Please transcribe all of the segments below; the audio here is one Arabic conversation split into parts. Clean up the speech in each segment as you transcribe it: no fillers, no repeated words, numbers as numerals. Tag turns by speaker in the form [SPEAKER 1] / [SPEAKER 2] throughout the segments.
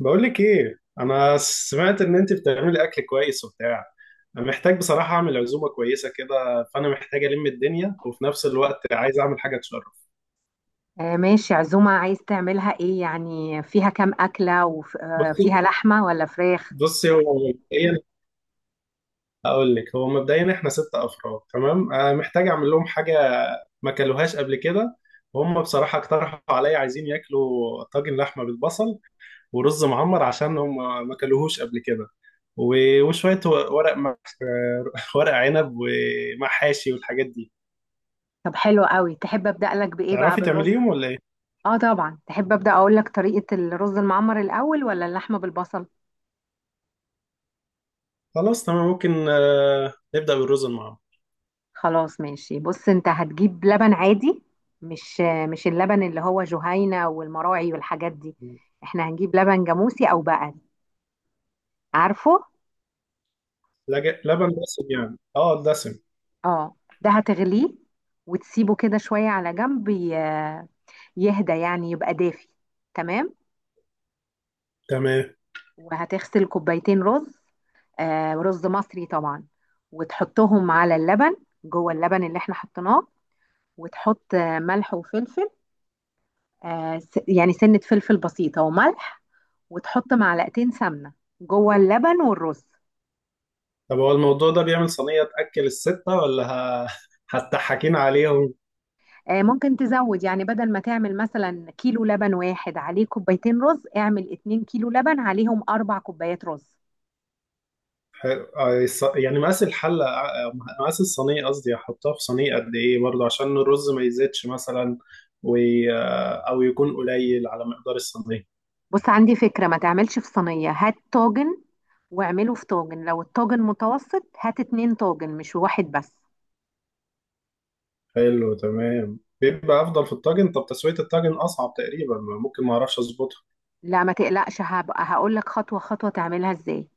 [SPEAKER 1] بقول لك ايه؟ انا سمعت ان انت بتعملي اكل كويس وبتاع. انا محتاج بصراحه اعمل عزومه كويسه كده، فانا محتاج الم الدنيا وفي نفس الوقت عايز اعمل حاجه تشرف.
[SPEAKER 2] ماشي، عزومة عايز تعملها ايه يعني؟ فيها كام أكلة،
[SPEAKER 1] بصي،
[SPEAKER 2] وفيها لحمة ولا فراخ؟
[SPEAKER 1] بصي هو مبدئيا هو مبدئيا احنا ست افراد، تمام؟ أنا محتاج اعمل لهم حاجه ما كلوهاش قبل كده. وهم بصراحه اقترحوا عليا، عايزين ياكلوا طاجن لحمه بالبصل ورز معمر، عشان هم ما كلوهوش قبل كده. وشويه ورق. ورق عنب ومحاشي والحاجات دي.
[SPEAKER 2] طب حلو قوي. تحب أبدأ لك بإيه بقى،
[SPEAKER 1] تعرفي
[SPEAKER 2] بالرز؟
[SPEAKER 1] تعمليهم ولا ايه؟
[SPEAKER 2] اه طبعا. تحب أبدأ أقول لك طريقة الرز المعمر الأول ولا اللحمة بالبصل؟
[SPEAKER 1] خلاص تمام، ممكن نبدأ بالرز المعمر.
[SPEAKER 2] خلاص ماشي بص، انت هتجيب لبن عادي. مش اللبن اللي هو جهينة والمراعي والحاجات دي. احنا هنجيب لبن جاموسي أو بقري، عارفه؟
[SPEAKER 1] لبن دسم يعني، اه دسم.
[SPEAKER 2] اه. ده هتغليه وتسيبه كده شوية على جنب، يهدى يعني، يبقى دافي. تمام.
[SPEAKER 1] تمام.
[SPEAKER 2] وهتغسل كوبايتين رز، رز مصري طبعا، وتحطهم على اللبن، جوه اللبن اللي احنا حطيناه. وتحط ملح وفلفل. يعني سنة فلفل بسيطة وملح. وتحط معلقتين سمنة جوه اللبن والرز.
[SPEAKER 1] طب هو الموضوع ده بيعمل صينية تأكل الستة ولا ه- هتضحكين عليهم؟
[SPEAKER 2] ممكن تزود، يعني بدل ما تعمل مثلا كيلو لبن واحد عليه كوبايتين رز، اعمل اتنين كيلو لبن عليهم أربع كوبايات رز.
[SPEAKER 1] يعني مقاس الحلة، مقاس الصينية قصدي، هحطها في صينية قد ايه برضه عشان الرز ما يزيدش مثلا و... آه، او يكون قليل على مقدار الصينية.
[SPEAKER 2] بص عندي فكرة، ما تعملش في صينية، هات طاجن. واعمله في طاجن. لو الطاجن متوسط، هات اتنين طاجن مش واحد بس.
[SPEAKER 1] حلو تمام، بيبقى افضل في الطاجن. طب تسوية الطاجن اصعب تقريبا، ممكن ما اعرفش اظبطه.
[SPEAKER 2] لا ما تقلقش، هبقى هقول لك خطوة خطوة تعملها ازاي.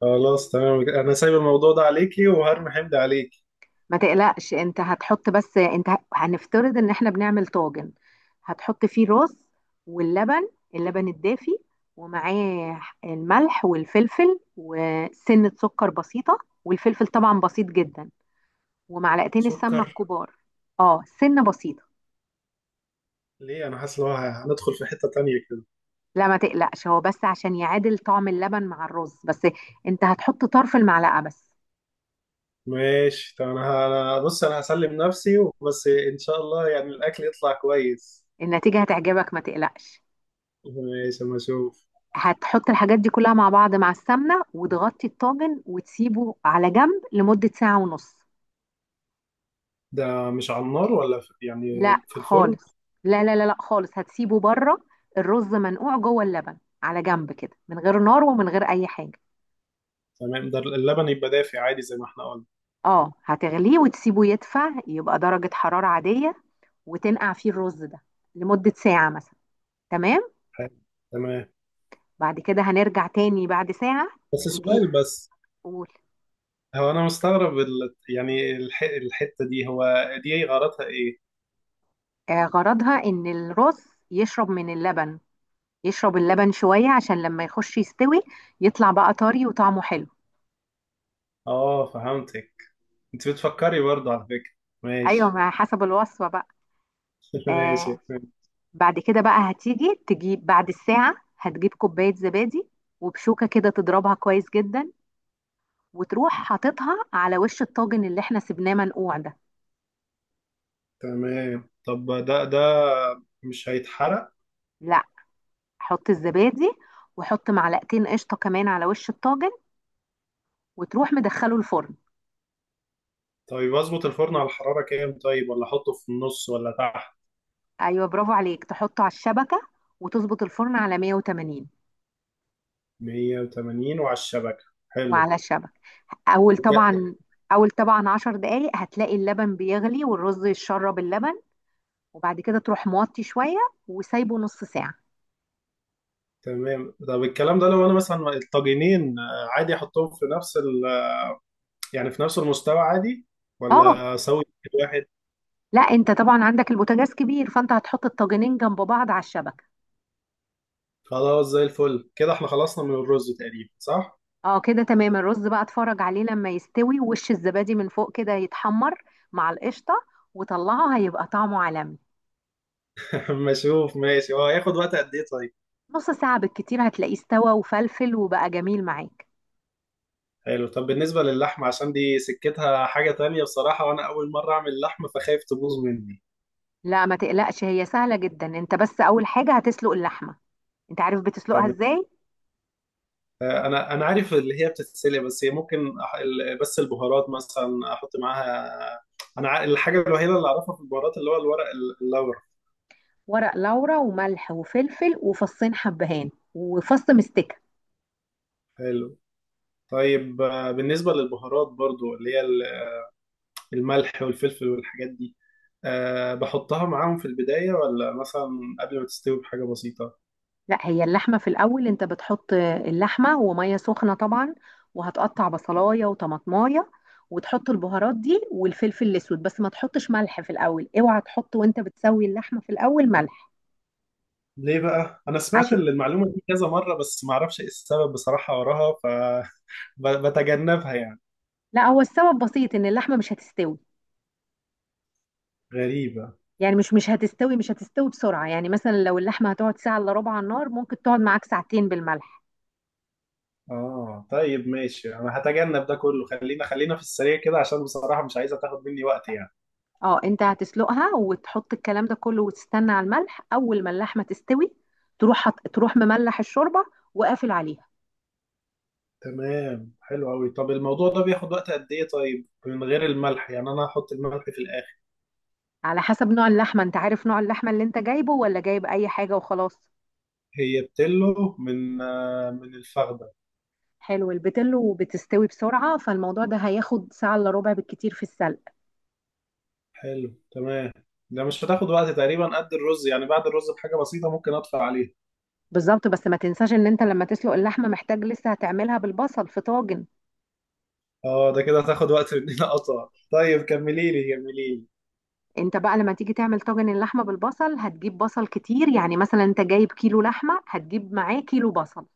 [SPEAKER 1] خلاص تمام، انا سايب الموضوع ده عليكي وهرمي حمد عليكي.
[SPEAKER 2] ما تقلقش، انت هتحط، بس انت هنفترض ان احنا بنعمل طاجن. هتحط فيه الرز، واللبن، اللبن الدافي، ومعاه الملح والفلفل وسنة سكر بسيطة، والفلفل طبعا بسيط جدا، ومعلقتين السمنة
[SPEAKER 1] سكر؟
[SPEAKER 2] الكبار. اه سنة بسيطة.
[SPEAKER 1] ليه؟ انا حاسس ان هو هندخل في حتة تانية كده.
[SPEAKER 2] لا ما تقلقش، هو بس عشان يعادل طعم اللبن مع الرز بس. انت هتحط طرف المعلقة بس.
[SPEAKER 1] ماشي، طب انا بص انا هسلم نفسي، بس ان شاء الله يعني الاكل يطلع كويس.
[SPEAKER 2] النتيجة هتعجبك، ما تقلقش.
[SPEAKER 1] ماشي، اما اشوف.
[SPEAKER 2] هتحط الحاجات دي كلها مع بعض مع السمنة، وتغطي الطاجن وتسيبه على جنب لمدة ساعة ونص.
[SPEAKER 1] ده مش على النار ولا في يعني،
[SPEAKER 2] لا
[SPEAKER 1] في الفرن؟
[SPEAKER 2] خالص. لا لا لا لا خالص، هتسيبه بره. الرز منقوع جوه اللبن، على جنب كده، من غير نار ومن غير أي حاجة.
[SPEAKER 1] تمام، ده اللبن يبقى دافي عادي زي ما احنا قلنا.
[SPEAKER 2] اه هتغليه وتسيبه يدفع، يبقى درجة حرارة عادية، وتنقع فيه الرز ده لمدة ساعة مثلا. تمام.
[SPEAKER 1] حلو. تمام.
[SPEAKER 2] بعد كده هنرجع تاني بعد ساعة.
[SPEAKER 1] بس
[SPEAKER 2] نجيب.
[SPEAKER 1] سؤال بس.
[SPEAKER 2] قول.
[SPEAKER 1] هو انا مستغرب الحتة دي، هو دي غرضها ايه؟
[SPEAKER 2] غرضها ان الرز يشرب من اللبن، يشرب اللبن شوية، عشان لما يخش يستوي، يطلع بقى طري وطعمه حلو.
[SPEAKER 1] اه، فهمتك. انت بتفكري برضه على فكرة.
[SPEAKER 2] ايوه،
[SPEAKER 1] ماشي.
[SPEAKER 2] ما حسب الوصفة بقى.
[SPEAKER 1] ماشي.
[SPEAKER 2] آه. بعد كده بقى هتيجي تجيب، بعد الساعة هتجيب كوباية زبادي، وبشوكة كده تضربها كويس جدا، وتروح حاططها على وش الطاجن اللي احنا سيبناه منقوع ده.
[SPEAKER 1] تمام، طب ده مش هيتحرق؟
[SPEAKER 2] لا. حط الزبادي، وحط معلقتين قشطة كمان على وش الطاجن، وتروح مدخله الفرن.
[SPEAKER 1] طيب اظبط الفرن على الحرارة كام طيب؟ ولا احطه في النص ولا تحت؟
[SPEAKER 2] ايوه برافو عليك. تحطه على الشبكه، وتظبط الفرن على 180.
[SPEAKER 1] 180 وعلى الشبكة، حلو.
[SPEAKER 2] وعلى الشبكه. اول
[SPEAKER 1] الك-
[SPEAKER 2] طبعا اول طبعا 10 دقائق هتلاقي اللبن بيغلي والرز يتشرب اللبن. وبعد كده تروح موطي شويه، وسايبه نص ساعه.
[SPEAKER 1] تمام. طب الكلام ده لو انا مثلا الطاجنين، عادي احطهم في نفس يعني في نفس المستوى عادي،
[SPEAKER 2] اه.
[SPEAKER 1] ولا اسوي واحد؟
[SPEAKER 2] لا انت طبعا عندك البوتاجاز كبير، فانت هتحط الطاجنين جنب بعض على الشبكه.
[SPEAKER 1] خلاص، زي الفل كده، احنا خلصنا من الرز تقريبا، صح؟
[SPEAKER 2] اه كده تمام. الرز بقى اتفرج عليه لما يستوي، وش الزبادي من فوق كده يتحمر مع القشطه، وطلعه هيبقى طعمه عالمي.
[SPEAKER 1] اما اشوف. ماشي، هو هياخد وقت قد ايه طيب؟
[SPEAKER 2] نص ساعه بالكتير هتلاقيه استوى وفلفل وبقى جميل معاك.
[SPEAKER 1] حلو. طب بالنسبة للحمة، عشان دي سكتها حاجة تانية بصراحة، وأنا أول مرة أعمل لحمة فخايف تبوظ مني.
[SPEAKER 2] لا ما تقلقش، هي سهلة جدا. انت بس اول حاجة هتسلق اللحمة. انت عارف بتسلقها
[SPEAKER 1] تمام.
[SPEAKER 2] ازاي؟
[SPEAKER 1] أنا عارف اللي هي بتتسلق، بس هي ممكن بس البهارات مثلا أحط معاها؟ أنا الحاجة الوحيدة اللي أعرفها في البهارات اللي هو الورق اللورا.
[SPEAKER 2] ورق لورا وملح وفلفل وفصين حبهان وفص مستكة.
[SPEAKER 1] حلو. طيب بالنسبة للبهارات برضو اللي هي الملح والفلفل والحاجات دي، أه بحطها معاهم في البداية، ولا مثلا قبل ما تستوي بحاجة بسيطة؟
[SPEAKER 2] لا، هي اللحمة في الاول انت بتحط اللحمة ومية سخنة طبعا. وهتقطع بصلاية وطماطماية، وتحط البهارات دي والفلفل الاسود، بس ما تحطش ملح في الاول. اوعى تحط وانت بتسوي اللحمة في الاول ملح.
[SPEAKER 1] ليه بقى؟ أنا سمعت
[SPEAKER 2] عشان.
[SPEAKER 1] المعلومة دي كذا مرة، بس معرفش إيه السبب بصراحة وراها، فبتجنبها يعني.
[SPEAKER 2] لا هو السبب بسيط، ان اللحمة مش هتستوي.
[SPEAKER 1] غريبة.
[SPEAKER 2] يعني مش مش هتستوي مش هتستوي بسرعة، يعني مثلا لو اللحمة هتقعد ساعة إلا ربع على النار، ممكن تقعد معاك ساعتين بالملح.
[SPEAKER 1] آه، طيب ماشي، أنا هتجنب ده كله. خلينا في السريع كده، عشان بصراحة مش عايزة تاخد مني وقت يعني.
[SPEAKER 2] اه انت هتسلقها، وتحط الكلام ده كله، وتستنى على الملح. أول ما اللحمة تستوي، تروح مملح الشوربة وقافل عليها.
[SPEAKER 1] تمام، حلو أوي. طب الموضوع ده بياخد وقت قد إيه طيب من غير الملح، يعني أنا هحط الملح في الآخر.
[SPEAKER 2] على حسب نوع اللحمة. انت عارف نوع اللحمة اللي انت جايبه، ولا جايب أي حاجة وخلاص؟
[SPEAKER 1] هي بتلو، من من الفخدة.
[SPEAKER 2] حلو. البتلو بتستوي بسرعة، فالموضوع ده هياخد ساعة إلا ربع بالكتير في السلق.
[SPEAKER 1] حلو تمام. ده مش هتاخد وقت تقريبا قد الرز؟ يعني بعد الرز بحاجة بسيطة ممكن أطفي عليها.
[SPEAKER 2] بالظبط. بس ما تنساش ان انت لما تسلق اللحمة، محتاج لسه هتعملها بالبصل في طاجن.
[SPEAKER 1] اه، ده كده هتاخد وقت مننا اطول. طيب كملي لي.
[SPEAKER 2] انت بقى لما تيجي تعمل طاجن اللحمه بالبصل، هتجيب بصل كتير. يعني مثلا انت جايب كيلو لحمه، هتجيب معاه كيلو بصل.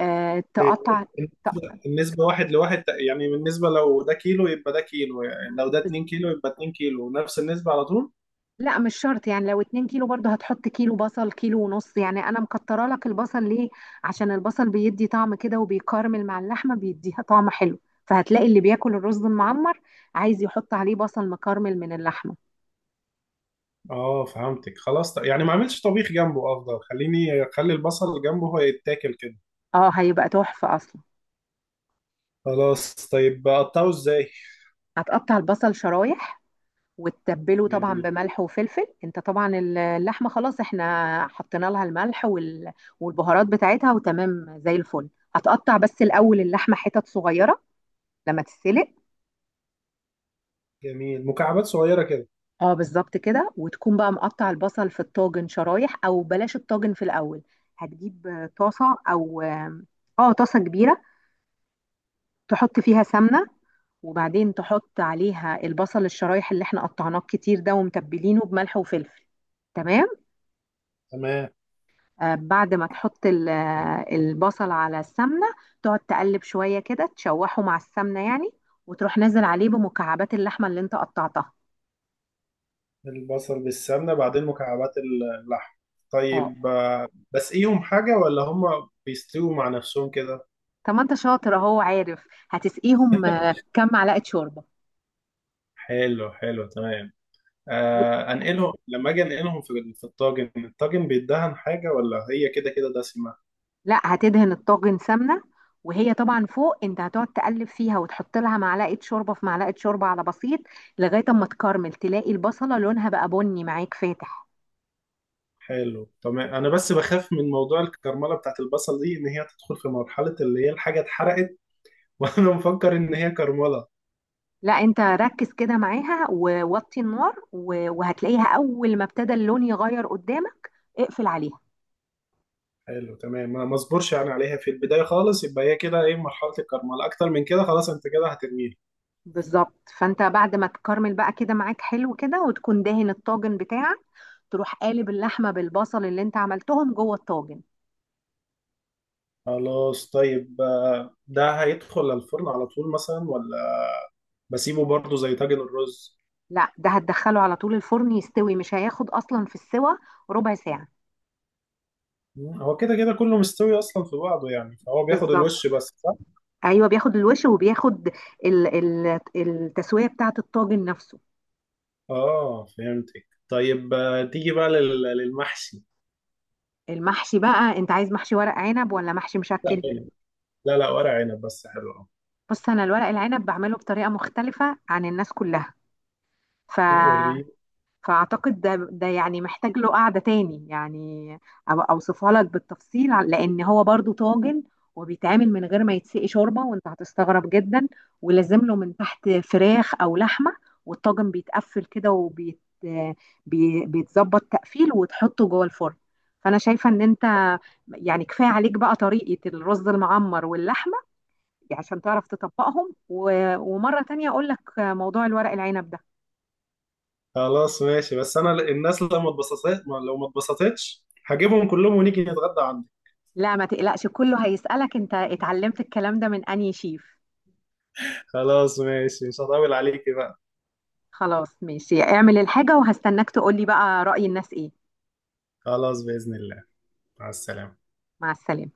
[SPEAKER 2] آه
[SPEAKER 1] إيه،
[SPEAKER 2] تقطع ت-
[SPEAKER 1] النسبة واحد لواحد؟ يعني بالنسبة لو ده كيلو يبقى ده كيلو، يعني لو ده
[SPEAKER 2] بس-
[SPEAKER 1] 2 كيلو يبقى 2 كيلو، نفس النسبة على طول؟
[SPEAKER 2] لا مش شرط، يعني لو اتنين كيلو برضه هتحط كيلو بصل، كيلو ونص، يعني انا مكتره لك البصل ليه؟ عشان البصل بيدي طعم كده، وبيكرمل مع اللحمه بيديها طعم حلو. فهتلاقي اللي بياكل الرز المعمر، عايز يحط عليه بصل مكرمل من اللحمه.
[SPEAKER 1] اه فهمتك. خلاص، يعني ما اعملش طبيخ جنبه، افضل خليني اخلي البصل جنبه هو، يتاكل كده.
[SPEAKER 2] اه هيبقى تحفه اصلا.
[SPEAKER 1] خلاص، طيب اقطعه ازاي؟
[SPEAKER 2] هتقطع البصل شرايح، وتتبله طبعا
[SPEAKER 1] جميل.
[SPEAKER 2] بملح وفلفل. انت طبعا اللحمه خلاص احنا حطينا لها الملح والبهارات بتاعتها وتمام زي الفل. هتقطع بس الاول اللحمه حتت صغيره لما تتسلق.
[SPEAKER 1] جميل، مكعبات صغيرة كده.
[SPEAKER 2] اه بالظبط كده. وتكون بقى مقطع البصل في الطاجن شرايح. او بلاش الطاجن في الاول. هتجيب طاسه، او اه طاسه كبيره، تحط فيها سمنه، وبعدين تحط عليها البصل الشرايح اللي احنا قطعناه كتير ده، ومتبلينه بملح وفلفل. تمام.
[SPEAKER 1] تمام.
[SPEAKER 2] بعد ما تحط البصل على السمنة، تقعد تقلب شوية كده، تشوحه مع السمنة يعني، وتروح نازل عليه بمكعبات اللحمة اللي انت قطعتها.
[SPEAKER 1] البصل بالسمنة، بعدين مكعبات اللحم.
[SPEAKER 2] اه.
[SPEAKER 1] طيب بسقيهم حاجة ولا هما بيستووا مع نفسهم كده؟
[SPEAKER 2] طب ما انت شاطر اهو، عارف هتسقيهم كام معلقة شوربة.
[SPEAKER 1] حلو، حلو تمام.
[SPEAKER 2] و-
[SPEAKER 1] آه، انقلهم لما اجي انقلهم في في الطاجن. الطاجن بيدهن حاجه، ولا هي كده كده دسمه؟
[SPEAKER 2] لا هتدهن الطاجن سمنة. وهي طبعا فوق انت هتقعد تقلب فيها، وتحط لها معلقة شوربة في معلقة شوربة على بسيط، لغاية اما تكرمل، تلاقي البصلة لونها بقى بني معاك فاتح.
[SPEAKER 1] حلو تمام. انا بس بخاف من موضوع الكرمله بتاعت البصل دي، ان هي تدخل في مرحله اللي هي الحاجه اتحرقت وانا مفكر ان هي كرمله.
[SPEAKER 2] لا انت ركز كده معاها ووطي النار، وهتلاقيها اول ما ابتدى اللون يغير قدامك، اقفل عليها.
[SPEAKER 1] حلو تمام. ما اصبرش يعني عليها في البدايه خالص، يبقى هي كده ايه مرحله الكرمله؟ اكتر من كده خلاص انت كده هترميه.
[SPEAKER 2] بالظبط. فانت بعد ما تكرمل بقى كده معاك حلو كده، وتكون دهن الطاجن بتاعك، تروح قالب اللحمه بالبصل اللي انت عملتهم جوه الطاجن.
[SPEAKER 1] خلاص طيب، ده هيدخل الفرن على طول مثلا، ولا بسيبه برضه زي طاجن الرز؟
[SPEAKER 2] لا ده هتدخله على طول الفرن يستوي. مش هياخد اصلا في السوى ربع ساعه.
[SPEAKER 1] هو كده كده كله مستوي اصلا في بعضه، يعني فهو بياخد
[SPEAKER 2] بالظبط.
[SPEAKER 1] الوش بس، صح؟
[SPEAKER 2] ايوه بياخد الوش، وبياخد ال ال التسويه بتاعه الطاجن نفسه.
[SPEAKER 1] اه فهمتك. طيب تيجي بقى للمحشي.
[SPEAKER 2] المحشي بقى انت عايز محشي ورق عنب ولا محشي
[SPEAKER 1] لا
[SPEAKER 2] مشكل؟
[SPEAKER 1] عنب. لا لا، ورق عنب بس، حلو اه.
[SPEAKER 2] بص انا الورق العنب بعمله بطريقه مختلفه عن الناس كلها. ف
[SPEAKER 1] وريني.
[SPEAKER 2] فاعتقد ده يعني محتاج له قعده تاني يعني. أبقى اوصفها لك بالتفصيل، لان هو برضو طاجن، وبيتعمل من غير ما يتسقي شوربه، وانت هتستغرب جدا، ولازم له من تحت فراخ او لحمه. والطاجن بيتقفل كده، بيتظبط تقفيل، وتحطه جوه الفرن. فانا شايفه ان انت يعني كفايه عليك بقى طريقه الرز المعمر واللحمه عشان تعرف تطبقهم، ومرة تانية أقول لك موضوع الورق العنب ده.
[SPEAKER 1] خلاص ماشي، بس انا الناس لو ما اتبسطت لو ما اتبسطتش هجيبهم كلهم ونيجي نتغدى عندك.
[SPEAKER 2] لا ما تقلقش، كله هيسألك أنت اتعلمت الكلام ده من أنهي شيف.
[SPEAKER 1] خلاص ماشي، مش هطول عليكي بقى.
[SPEAKER 2] خلاص ماشي، اعمل الحاجة وهستناك تقولي بقى رأي الناس إيه.
[SPEAKER 1] خلاص، بإذن الله. مع السلامة.
[SPEAKER 2] مع السلامة.